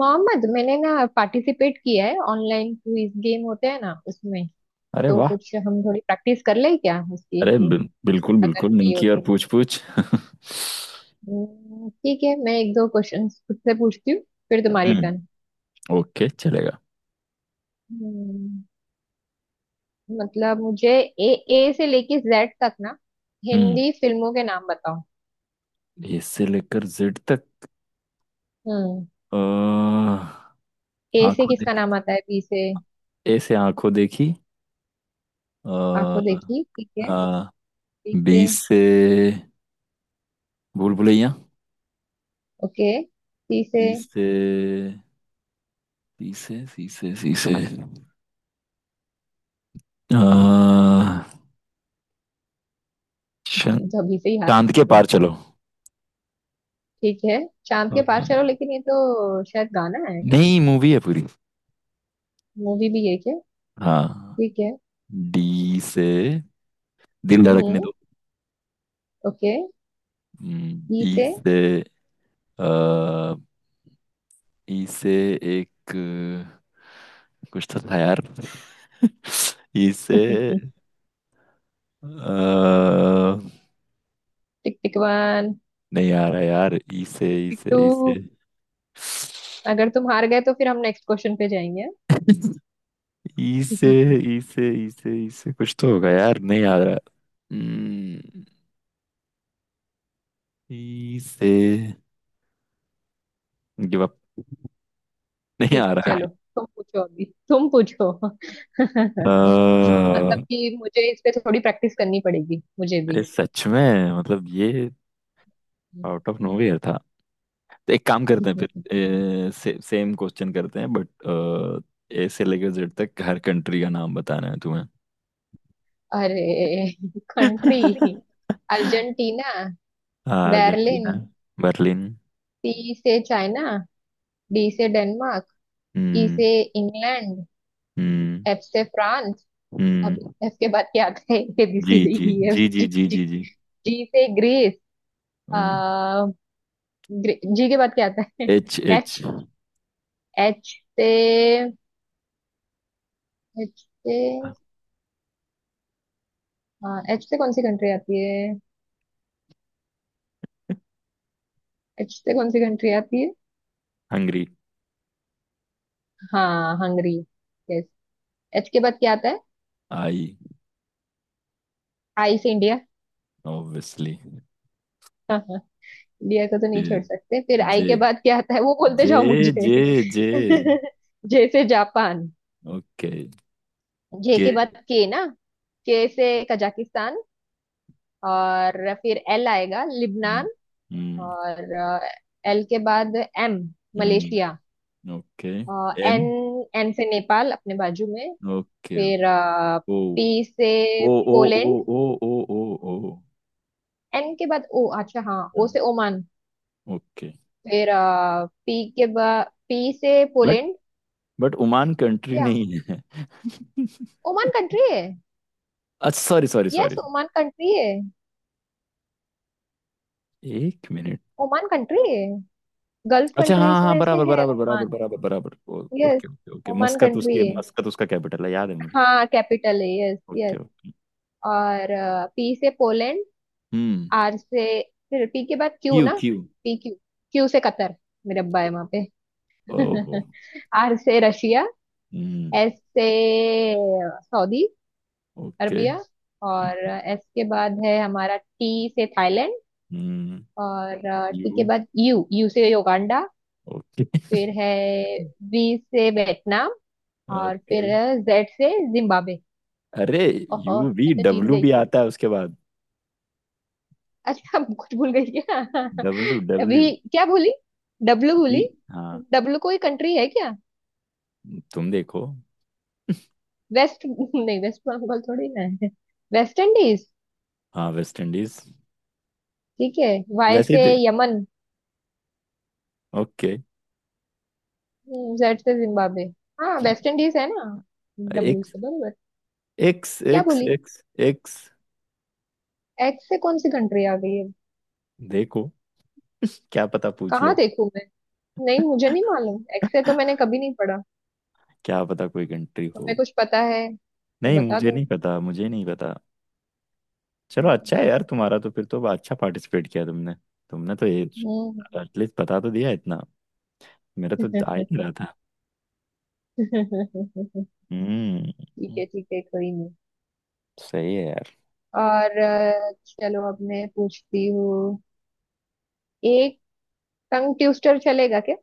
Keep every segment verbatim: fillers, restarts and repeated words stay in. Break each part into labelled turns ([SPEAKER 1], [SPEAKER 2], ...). [SPEAKER 1] मोहम्मद, मैंने ना पार्टिसिपेट किया है। ऑनलाइन क्विज गेम होते हैं ना, उसमें
[SPEAKER 2] अरे
[SPEAKER 1] तो
[SPEAKER 2] वाह।
[SPEAKER 1] कुछ हम थोड़ी प्रैक्टिस कर ले क्या उसकी,
[SPEAKER 2] अरे हम्म, बिल- बिल्कुल
[SPEAKER 1] अगर
[SPEAKER 2] बिल्कुल,
[SPEAKER 1] फ्री हो
[SPEAKER 2] निकी और
[SPEAKER 1] तो।
[SPEAKER 2] पूछ पूछ
[SPEAKER 1] हम्म, ठीक है, मैं एक दो क्वेश्चंस खुद से पूछती हूँ, फिर तुम्हारी
[SPEAKER 2] हम्म।
[SPEAKER 1] टर्न।
[SPEAKER 2] ओके, चलेगा।
[SPEAKER 1] हम्म, मतलब मुझे ए ए से लेके जेड तक ना
[SPEAKER 2] हम्म
[SPEAKER 1] हिंदी फिल्मों के नाम बताओ।
[SPEAKER 2] ए से लेकर जेड तक।
[SPEAKER 1] हम्म।
[SPEAKER 2] अ,
[SPEAKER 1] ए से
[SPEAKER 2] आंखों
[SPEAKER 1] किसका
[SPEAKER 2] देखी।
[SPEAKER 1] नाम आता है, बी से?
[SPEAKER 2] ए से आंखों देखी। आ,
[SPEAKER 1] आंखों देखी, ठीक है।
[SPEAKER 2] आ,
[SPEAKER 1] बी
[SPEAKER 2] बी
[SPEAKER 1] से?
[SPEAKER 2] से भूल भुलैया।
[SPEAKER 1] ओके, सी से?
[SPEAKER 2] बी से, बी से, सी से, सी से। आ, शन-
[SPEAKER 1] तो अभी से ही हार
[SPEAKER 2] चांद
[SPEAKER 1] मान
[SPEAKER 2] के
[SPEAKER 1] गए?
[SPEAKER 2] पार चलो।
[SPEAKER 1] ठीक है, चांद
[SPEAKER 2] अ,
[SPEAKER 1] के पार चलो, लेकिन ये तो शायद गाना है।
[SPEAKER 2] नहीं, मूवी है पूरी।
[SPEAKER 1] मूवी भी है क्या?
[SPEAKER 2] हाँ।
[SPEAKER 1] ठीक है।
[SPEAKER 2] डी से दिल धड़कने
[SPEAKER 1] हम्म।
[SPEAKER 2] दो।
[SPEAKER 1] ओके।
[SPEAKER 2] हम्म,
[SPEAKER 1] ई
[SPEAKER 2] ई
[SPEAKER 1] से?
[SPEAKER 2] से। अ, ई से एक कुछ तो था यार। ई से।
[SPEAKER 1] हम्म,
[SPEAKER 2] अ,
[SPEAKER 1] टिक टिक वन,
[SPEAKER 2] नहीं आ रहा यार, ई से
[SPEAKER 1] टिक
[SPEAKER 2] ई
[SPEAKER 1] टिक
[SPEAKER 2] से,
[SPEAKER 1] टू।
[SPEAKER 2] ई से,
[SPEAKER 1] अगर तुम हार गए तो फिर हम नेक्स्ट क्वेश्चन पे जाएंगे।
[SPEAKER 2] ई से।
[SPEAKER 1] हम्म,
[SPEAKER 2] ई से, ई से, ई से, कुछ तो होगा यार, नहीं आ रहा। हम्म, ई से। Give up. नहीं
[SPEAKER 1] ठीक
[SPEAKER 2] आ
[SPEAKER 1] है,
[SPEAKER 2] रहा है।
[SPEAKER 1] चलो तुम पूछो, अभी तुम पूछो।
[SPEAKER 2] अ,
[SPEAKER 1] मतलब कि मुझे इस पे थोड़ी प्रैक्टिस करनी पड़ेगी, मुझे
[SPEAKER 2] ये
[SPEAKER 1] भी।
[SPEAKER 2] सच में, मतलब ये, आउट ऑफ नोवेयर था। तो एक काम करते हैं फिर। से, सेम क्वेश्चन करते हैं, बट ए से लेकर जेड तक हर कंट्री का नाम बताना है तुम्हें।
[SPEAKER 1] अरे, country? Argentina. Berlin.
[SPEAKER 2] Argentina. Berlin.
[SPEAKER 1] C से चाइना। डी से डेनमार्क। ई
[SPEAKER 2] हम्म।
[SPEAKER 1] से इंग्लैंड।
[SPEAKER 2] हम्म।
[SPEAKER 1] एफ से फ्रांस। अब
[SPEAKER 2] हम्म।
[SPEAKER 1] एफ के बाद क्या आता है? A B
[SPEAKER 2] G
[SPEAKER 1] C D
[SPEAKER 2] G
[SPEAKER 1] E F
[SPEAKER 2] G G
[SPEAKER 1] G
[SPEAKER 2] G
[SPEAKER 1] G
[SPEAKER 2] G G.
[SPEAKER 1] जी से ग्रीस।
[SPEAKER 2] हम्म।
[SPEAKER 1] आ, ग्रे, जी के बाद क्या आता है?
[SPEAKER 2] H, H.
[SPEAKER 1] एच एच से, एच से, हाँ एच से कौन सी कंट्री आती है? एच से कौन सी कंट्री आती है?
[SPEAKER 2] हंगरी।
[SPEAKER 1] हाँ हंगरी। यस। एच के बाद क्या आता है?
[SPEAKER 2] आई।
[SPEAKER 1] आई से इंडिया।
[SPEAKER 2] ऑब्वियसली।
[SPEAKER 1] हाँ हाँ, इंडिया को तो
[SPEAKER 2] जे,
[SPEAKER 1] नहीं छोड़ सकते। फिर आई
[SPEAKER 2] जे,
[SPEAKER 1] के बाद क्या आता है वो बोलते
[SPEAKER 2] जे,
[SPEAKER 1] जाओ मुझे।
[SPEAKER 2] जे, जे।
[SPEAKER 1] जैसे जापान।
[SPEAKER 2] ओके।
[SPEAKER 1] जे
[SPEAKER 2] के।
[SPEAKER 1] के बाद के ना? के से कजाकिस्तान। और फिर एल आएगा,
[SPEAKER 2] हम्म।
[SPEAKER 1] लिबनान। और एल के बाद एम मलेशिया।
[SPEAKER 2] हम्म। ओके।
[SPEAKER 1] N
[SPEAKER 2] N.
[SPEAKER 1] एन से नेपाल, अपने बाजू में।
[SPEAKER 2] ओके।
[SPEAKER 1] फिर
[SPEAKER 2] ओ,
[SPEAKER 1] पी से
[SPEAKER 2] O, O, O,
[SPEAKER 1] Poland.
[SPEAKER 2] O, O, O, O.
[SPEAKER 1] N के बाद ओ अच्छा हाँ, ओ से ओमान।
[SPEAKER 2] ओके।
[SPEAKER 1] फिर पी के बाद पी से
[SPEAKER 2] but
[SPEAKER 1] Poland.
[SPEAKER 2] But Oman country
[SPEAKER 1] क्या?
[SPEAKER 2] नहीं है।
[SPEAKER 1] ओमान कंट्री है।
[SPEAKER 2] अच्छा, sorry sorry
[SPEAKER 1] yes,
[SPEAKER 2] sorry.
[SPEAKER 1] Oman country है।
[SPEAKER 2] एक मिनट।
[SPEAKER 1] ओमान कंट्री है, गल्फ
[SPEAKER 2] अच्छा हाँ
[SPEAKER 1] कंट्रीज
[SPEAKER 2] हाँ,
[SPEAKER 1] में से
[SPEAKER 2] बराबर
[SPEAKER 1] है
[SPEAKER 2] बराबर बराबर
[SPEAKER 1] ओमान।
[SPEAKER 2] बराबर बराबर। ओ-
[SPEAKER 1] yes,
[SPEAKER 2] okay okay okay.
[SPEAKER 1] Oman
[SPEAKER 2] Muscat,
[SPEAKER 1] country
[SPEAKER 2] उसके
[SPEAKER 1] है।
[SPEAKER 2] मस्कत, उसका कैपिटल है, याद है मुझे।
[SPEAKER 1] हाँ कैपिटल है, यस
[SPEAKER 2] ओके
[SPEAKER 1] यस।
[SPEAKER 2] ओके।
[SPEAKER 1] और पी से पोलैंड।
[SPEAKER 2] हम्म।
[SPEAKER 1] आर से, फिर पी के बाद क्यू
[SPEAKER 2] क्यू,
[SPEAKER 1] ना?
[SPEAKER 2] क्यू।
[SPEAKER 1] पी क्यू क्यू से कतर, मेरे अब्बा है वहां पे।
[SPEAKER 2] ओहो।
[SPEAKER 1] आर से रशिया।
[SPEAKER 2] हम्म।
[SPEAKER 1] एस से सऊदी
[SPEAKER 2] ओके।
[SPEAKER 1] अरबिया। और एस के बाद है हमारा टी से थाईलैंड।
[SPEAKER 2] हम्म।
[SPEAKER 1] और टी के
[SPEAKER 2] यू।
[SPEAKER 1] बाद यू यू से युगांडा।
[SPEAKER 2] ओके।
[SPEAKER 1] फिर है वी से वियतनाम। और
[SPEAKER 2] ओके।
[SPEAKER 1] फिर जेड से जिम्बाब्वे।
[SPEAKER 2] अरे,
[SPEAKER 1] ओहो,
[SPEAKER 2] यू वी
[SPEAKER 1] मैं तो जीत
[SPEAKER 2] डब्ल्यू
[SPEAKER 1] गई।
[SPEAKER 2] भी आता है उसके बाद।
[SPEAKER 1] अच्छा, कुछ भूल गई क्या?
[SPEAKER 2] W, W.
[SPEAKER 1] अभी क्या बोली? W
[SPEAKER 2] B.
[SPEAKER 1] बोली?
[SPEAKER 2] हाँ।
[SPEAKER 1] डब्लू कोई कंट्री है क्या?
[SPEAKER 2] तुम देखो।
[SPEAKER 1] वेस्ट नहीं, वेस्ट बंगाल थोड़ी ना है। West Indies.
[SPEAKER 2] हाँ, वेस्ट इंडीज।
[SPEAKER 1] ठीक है। वाई
[SPEAKER 2] वैसे ही
[SPEAKER 1] से
[SPEAKER 2] थे-।
[SPEAKER 1] यमन।
[SPEAKER 2] ओके।
[SPEAKER 1] जेड से जिम्बाब्वे। हाँ वेस्ट इंडीज है ना, डब्लू
[SPEAKER 2] एक्स,
[SPEAKER 1] से, बराबर।
[SPEAKER 2] एक्स,
[SPEAKER 1] क्या
[SPEAKER 2] एक्स,
[SPEAKER 1] बोली?
[SPEAKER 2] X, X.
[SPEAKER 1] एक्स से कौन सी कंट्री आ गई है?
[SPEAKER 2] देखो। क्या पता, पूछ
[SPEAKER 1] कहाँ
[SPEAKER 2] ले।
[SPEAKER 1] देखूं मैं? नहीं, मुझे नहीं मालूम, एक्स से तो मैंने कभी नहीं पढ़ा।
[SPEAKER 2] क्या पता कोई कंट्री हो।
[SPEAKER 1] तुम्हें कुछ पता है तो
[SPEAKER 2] नहीं,
[SPEAKER 1] बता
[SPEAKER 2] मुझे
[SPEAKER 1] दो।
[SPEAKER 2] नहीं पता, मुझे नहीं पता। चलो, अच्छा है
[SPEAKER 1] हम्म।
[SPEAKER 2] यार तुम्हारा तो, फिर तो अच्छा पार्टिसिपेट किया तुमने। तुमने तो ये, एटलीस्ट बता तो दिया इतना। मेरा तो आ ही नहीं
[SPEAKER 1] हम्म।
[SPEAKER 2] रहा था। हम्म।
[SPEAKER 1] ठीक है ठीक है, कोई नहीं।
[SPEAKER 2] सही है यार।
[SPEAKER 1] और अ, चलो अब मैं पूछती हूँ। एक टंग ट्विस्टर चलेगा क्या?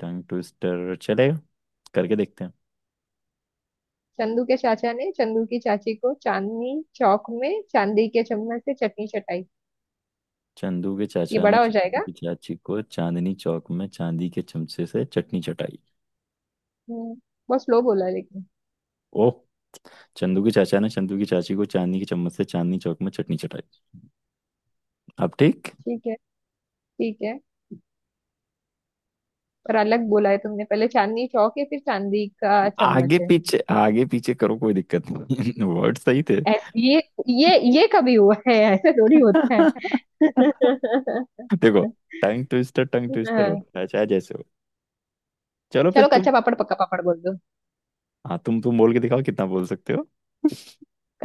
[SPEAKER 2] टंग ट्विस्टर चलेगा, करके देखते हैं।
[SPEAKER 1] चंदू के चाचा ने चंदू की चाची को चांदनी चौक में चांदी के चम्मच से चटनी चटाई।
[SPEAKER 2] चंदू के
[SPEAKER 1] ये
[SPEAKER 2] चाचा ने
[SPEAKER 1] बड़ा हो
[SPEAKER 2] चंदू
[SPEAKER 1] जाएगा।
[SPEAKER 2] की चाची को चांदनी चौक में चांदी के चमचे से चटनी चटाई।
[SPEAKER 1] हम्म। बहुत स्लो बोला लेकिन।
[SPEAKER 2] ओह। चंदू के चाचा ने चंदू की चाची को चांदनी के चम्मच से चांदनी चौक में चटनी चटाई। अब ठीक।
[SPEAKER 1] ठीक है, ठीक है, पर अलग बोला है तुमने, पहले चांदनी चौक है फिर चांदी का चम्मच
[SPEAKER 2] आगे
[SPEAKER 1] है।
[SPEAKER 2] पीछे, आगे पीछे करो, कोई दिक्कत नहीं वर्ड सही थे।
[SPEAKER 1] ऐसे ये, ये ये कभी हुआ है? ऐसे थोड़ी होता है।
[SPEAKER 2] देखो, टंग ट्विस्टर टंग ट्विस्टर
[SPEAKER 1] हाँ,
[SPEAKER 2] होता है, चाहे जैसे हो। चलो, फिर
[SPEAKER 1] चलो
[SPEAKER 2] तुम।
[SPEAKER 1] कच्चा पापड़ पक्का पापड़ बोल दो।
[SPEAKER 2] हाँ, तुम तुम बोल के दिखाओ, कितना बोल सकते हो।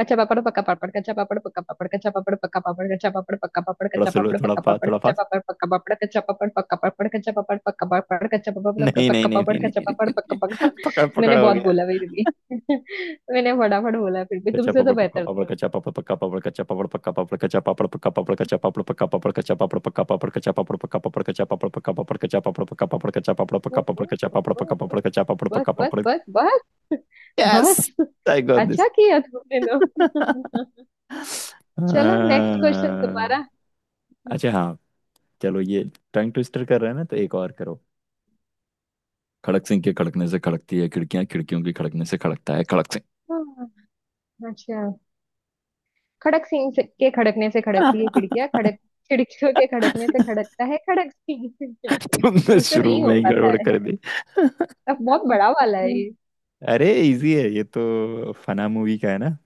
[SPEAKER 1] कच्चा पापड़ पक्का पापड़ कच्चा पापड़ पक्का पापड़ कच्चा पापड़ पक्का पापड़ कच्चा पापड़ पक्का पापड़
[SPEAKER 2] थोड़ा
[SPEAKER 1] कच्चा
[SPEAKER 2] स्लो, थोड़ा फास्ट,
[SPEAKER 1] पापड़
[SPEAKER 2] थोड़ा फास्ट।
[SPEAKER 1] पक्का पापड़ कच्चा पापड़ पक्का पापड़ कच्चा पापड़ पक्का पापड़ कच्चा पापड़
[SPEAKER 2] नहीं नहीं
[SPEAKER 1] पक्का पापड़ कच्चा पापड़ पक्का
[SPEAKER 2] नहीं
[SPEAKER 1] पापड़
[SPEAKER 2] नहीं
[SPEAKER 1] कच्चा
[SPEAKER 2] नहीं
[SPEAKER 1] पापड़ पक्का पापड़।
[SPEAKER 2] नहीं। पकड़
[SPEAKER 1] मैंने
[SPEAKER 2] पकड़ हो
[SPEAKER 1] बहुत
[SPEAKER 2] गया।
[SPEAKER 1] बोला फिर भी, मैंने फटाफट बोला, फिर भी
[SPEAKER 2] कच्चा
[SPEAKER 1] तुमसे तो
[SPEAKER 2] पापड़ पक्का
[SPEAKER 1] बेहतर।
[SPEAKER 2] पापड़ कच्चा पापड़ पक्का पापड़ कच्चा पापड़ पक्का पापड़ कच्चा पापड़ पक्का पापड़ कच्चा पापड़ पक्का पापड़ कच्चा पापड़ पक्का पापड़ कच्चा पापड़ पक्का पापड़ कच्चा पापड़ पक्का पापड़ कच्चा पापड़
[SPEAKER 1] ओ,
[SPEAKER 2] पक्का
[SPEAKER 1] ओ,
[SPEAKER 2] पापड़ कच्चा पापड़ पक्का पापड़ कच्चा पापड़
[SPEAKER 1] ओ,
[SPEAKER 2] पक्का
[SPEAKER 1] ओ,
[SPEAKER 2] पापड़ कच्चा पापड़
[SPEAKER 1] बस
[SPEAKER 2] पक्का
[SPEAKER 1] बस
[SPEAKER 2] पापड़।
[SPEAKER 1] बस बस, बस।
[SPEAKER 2] I got this.
[SPEAKER 1] अच्छा किया तुमने तो। चलो नेक्स्ट क्वेश्चन तुम्हारा।
[SPEAKER 2] अच्छा हाँ, चलो ये टंग ट्विस्टर कर रहे हैं ना, तो एक और करो। खड़क सिंह के खड़कने से खड़कती है खिड़कियां, खिड़कियों के खड़कने से खड़कता है खड़क सिंह।
[SPEAKER 1] हाँ, अच्छा। खड़क सिंह से के खड़कने से खड़कती है खिड़कियां, खड़क, खिड़कियों के खड़कने से खड़कता है खड़क सिंह।
[SPEAKER 2] तुमने
[SPEAKER 1] उसे
[SPEAKER 2] शुरू
[SPEAKER 1] नहीं
[SPEAKER 2] में
[SPEAKER 1] हो
[SPEAKER 2] ही
[SPEAKER 1] पाता
[SPEAKER 2] गड़बड़
[SPEAKER 1] है,
[SPEAKER 2] कर दी।
[SPEAKER 1] अब बहुत बड़ा वाला है ये।
[SPEAKER 2] अरे, इजी है ये, तो फना मूवी का है ना,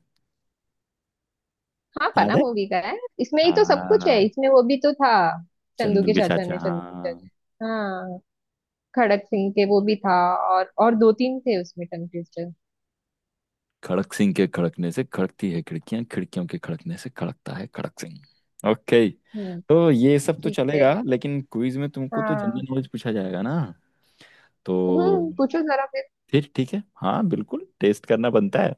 [SPEAKER 1] हाँ
[SPEAKER 2] याद
[SPEAKER 1] फना
[SPEAKER 2] है।
[SPEAKER 1] मूवी का है, इसमें ही तो सब कुछ है,
[SPEAKER 2] हाँ,
[SPEAKER 1] इसमें वो भी तो था, चंदू
[SPEAKER 2] चंदू
[SPEAKER 1] के
[SPEAKER 2] के
[SPEAKER 1] चाचा
[SPEAKER 2] चाचा,
[SPEAKER 1] ने, चंदू के
[SPEAKER 2] हाँ।
[SPEAKER 1] चाचा, हाँ। खड़क सिंह के, वो भी था। और और दो तीन थे उसमें टंग ट्विस्टर।
[SPEAKER 2] खड़क सिंह के खड़कने से खड़कती है खिड़कियां, खिड़कियों के खड़कने से खड़कता है खड़क सिंह। ओके,
[SPEAKER 1] हम्म,
[SPEAKER 2] तो ये सब तो
[SPEAKER 1] ठीक है
[SPEAKER 2] चलेगा, लेकिन क्विज में तुमको तो
[SPEAKER 1] हाँ।
[SPEAKER 2] जनरल नॉलेज पूछा जाएगा ना। तो
[SPEAKER 1] हम्म, पूछो जरा फिर।
[SPEAKER 2] फिर ठीक है, हाँ बिल्कुल, टेस्ट करना बनता है।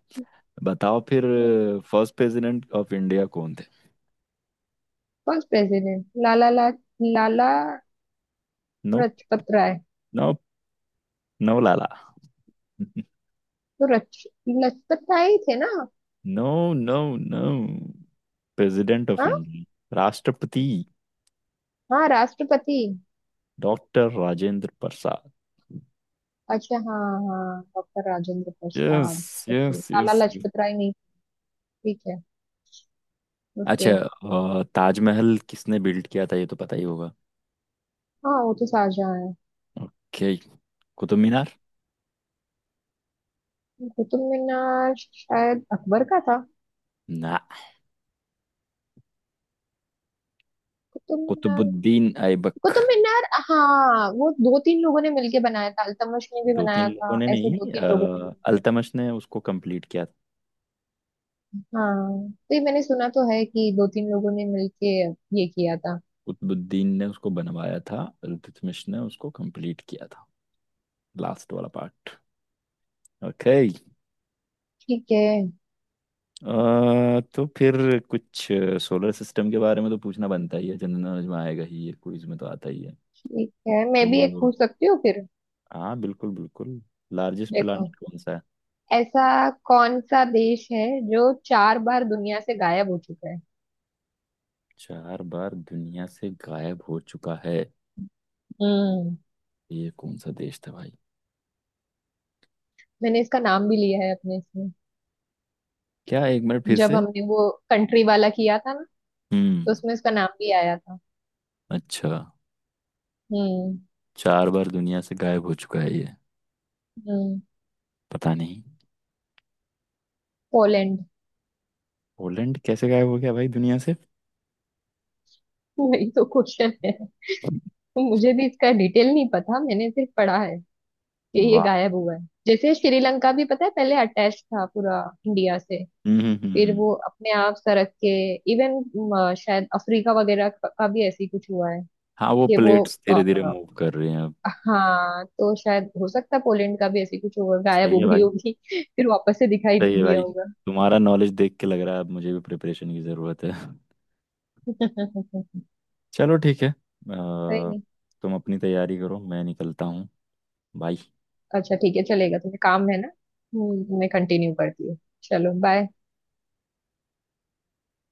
[SPEAKER 2] बताओ फिर।
[SPEAKER 1] हम्म,
[SPEAKER 2] फर्स्ट प्रेसिडेंट ऑफ इंडिया कौन थे?
[SPEAKER 1] कौन प्रेसिडेंट? लाला ला, Lala, Lala
[SPEAKER 2] no.
[SPEAKER 1] Lajpat Rai.
[SPEAKER 2] No. No, लाला।
[SPEAKER 1] तो रच लजपत राय ही थे ना?
[SPEAKER 2] No, no, no. President of
[SPEAKER 1] हाँ,
[SPEAKER 2] इंडिया, राष्ट्रपति।
[SPEAKER 1] हाँ राष्ट्रपति।
[SPEAKER 2] डॉक्टर राजेंद्र प्रसाद।
[SPEAKER 1] अच्छा हाँ, हाँ doctor Rajendra
[SPEAKER 2] yes
[SPEAKER 1] Prasad. Okay,
[SPEAKER 2] yes
[SPEAKER 1] Lala
[SPEAKER 2] yes.
[SPEAKER 1] Lajpat Rai नहीं। ठीक है।
[SPEAKER 2] अच्छा।
[SPEAKER 1] ओके।
[SPEAKER 2] अ, ताजमहल किसने बिल्ड किया था? ये तो पता ही होगा।
[SPEAKER 1] हाँ वो तो शाहजहाँ है।
[SPEAKER 2] ओके, कुतुब मीनार।
[SPEAKER 1] कुतुब मीनार शायद अकबर का था।
[SPEAKER 2] ना।
[SPEAKER 1] कुतुब मीनार,
[SPEAKER 2] कुतुबुद्दीन ऐबक।
[SPEAKER 1] कुतुब मीनार, हाँ वो दो तीन लोगों ने मिलके बनाया था, अल्तमश ने भी
[SPEAKER 2] दो तीन
[SPEAKER 1] बनाया
[SPEAKER 2] लोगों
[SPEAKER 1] था,
[SPEAKER 2] ने
[SPEAKER 1] ऐसे दो
[SPEAKER 2] नहीं,
[SPEAKER 1] तीन लोगों ने
[SPEAKER 2] अ,
[SPEAKER 1] मिलके।
[SPEAKER 2] अल्तमश ने उसको कंप्लीट किया था।
[SPEAKER 1] हाँ तो ये मैंने सुना तो है कि दो तीन लोगों ने मिलके ये किया था।
[SPEAKER 2] कुतुबुद्दीन ने उसको बनवाया था, अल्तमश ने उसको कंप्लीट किया था, लास्ट वाला पार्ट। ओके।
[SPEAKER 1] ठीक है।
[SPEAKER 2] अ, तो फिर कुछ सोलर सिस्टम के बारे में तो पूछना बनता ही है, जनरल नॉलेज में आएगा ही ये, क्विज में तो आता ही है।
[SPEAKER 1] ठीक है, मैं भी एक
[SPEAKER 2] तो
[SPEAKER 1] पूछ सकती हूँ फिर।
[SPEAKER 2] हाँ, बिल्कुल बिल्कुल। लार्जेस्ट
[SPEAKER 1] देखो,
[SPEAKER 2] प्लानिट कौन सा है?
[SPEAKER 1] ऐसा कौन सा देश है जो चार बार दुनिया से गायब हो चुका है?
[SPEAKER 2] चार बार दुनिया से गायब हो चुका है?
[SPEAKER 1] हम्म।
[SPEAKER 2] ये कौन सा देश था भाई?
[SPEAKER 1] मैंने इसका नाम भी लिया है अपने इसमें,
[SPEAKER 2] क्या, एक मिनट, फिर
[SPEAKER 1] जब
[SPEAKER 2] से।
[SPEAKER 1] हमने वो कंट्री वाला किया था ना, तो
[SPEAKER 2] हम्म।
[SPEAKER 1] उसमें इसका नाम भी आया था।
[SPEAKER 2] अच्छा,
[SPEAKER 1] हम्म।
[SPEAKER 2] चार बार दुनिया से गायब हो चुका है ये?
[SPEAKER 1] हम्म।
[SPEAKER 2] पता नहीं।
[SPEAKER 1] पोलैंड।
[SPEAKER 2] पोलैंड कैसे गायब हो गया भाई दुनिया से?
[SPEAKER 1] वही तो क्वेश्चन है, मुझे भी इसका डिटेल नहीं पता, मैंने सिर्फ पढ़ा है कि ये
[SPEAKER 2] वाह।
[SPEAKER 1] गायब हुआ है। जैसे श्रीलंका भी, पता है, पहले अटैच था पूरा इंडिया से,
[SPEAKER 2] हम्म, हम्म, हम्म,
[SPEAKER 1] फिर
[SPEAKER 2] हम्म।
[SPEAKER 1] वो अपने आप सरक के, इवन शायद अफ्रीका वगैरह का का भी ऐसी कुछ हुआ है
[SPEAKER 2] हाँ, वो
[SPEAKER 1] कि वो।
[SPEAKER 2] प्लेट्स धीरे धीरे मूव कर रहे हैं अब।
[SPEAKER 1] हाँ तो शायद हो सकता है पोलैंड का भी ऐसे कुछ होगा, गायब
[SPEAKER 2] सही
[SPEAKER 1] हो
[SPEAKER 2] है
[SPEAKER 1] गई
[SPEAKER 2] भाई,
[SPEAKER 1] होगी फिर वापस से दिखाई
[SPEAKER 2] सही
[SPEAKER 1] दे
[SPEAKER 2] है
[SPEAKER 1] दिया
[SPEAKER 2] भाई।
[SPEAKER 1] होगा।
[SPEAKER 2] तुम्हारा नॉलेज देख के लग रहा है अब मुझे भी प्रिपरेशन की ज़रूरत है।
[SPEAKER 1] सही।
[SPEAKER 2] चलो ठीक है। अ,
[SPEAKER 1] नहीं।
[SPEAKER 2] तुम अपनी तैयारी करो, मैं निकलता हूँ। बाय।
[SPEAKER 1] अच्छा ठीक है, चलेगा, तुम्हें काम है ना। हम्म, मैं कंटिन्यू करती हूँ। चलो बाय।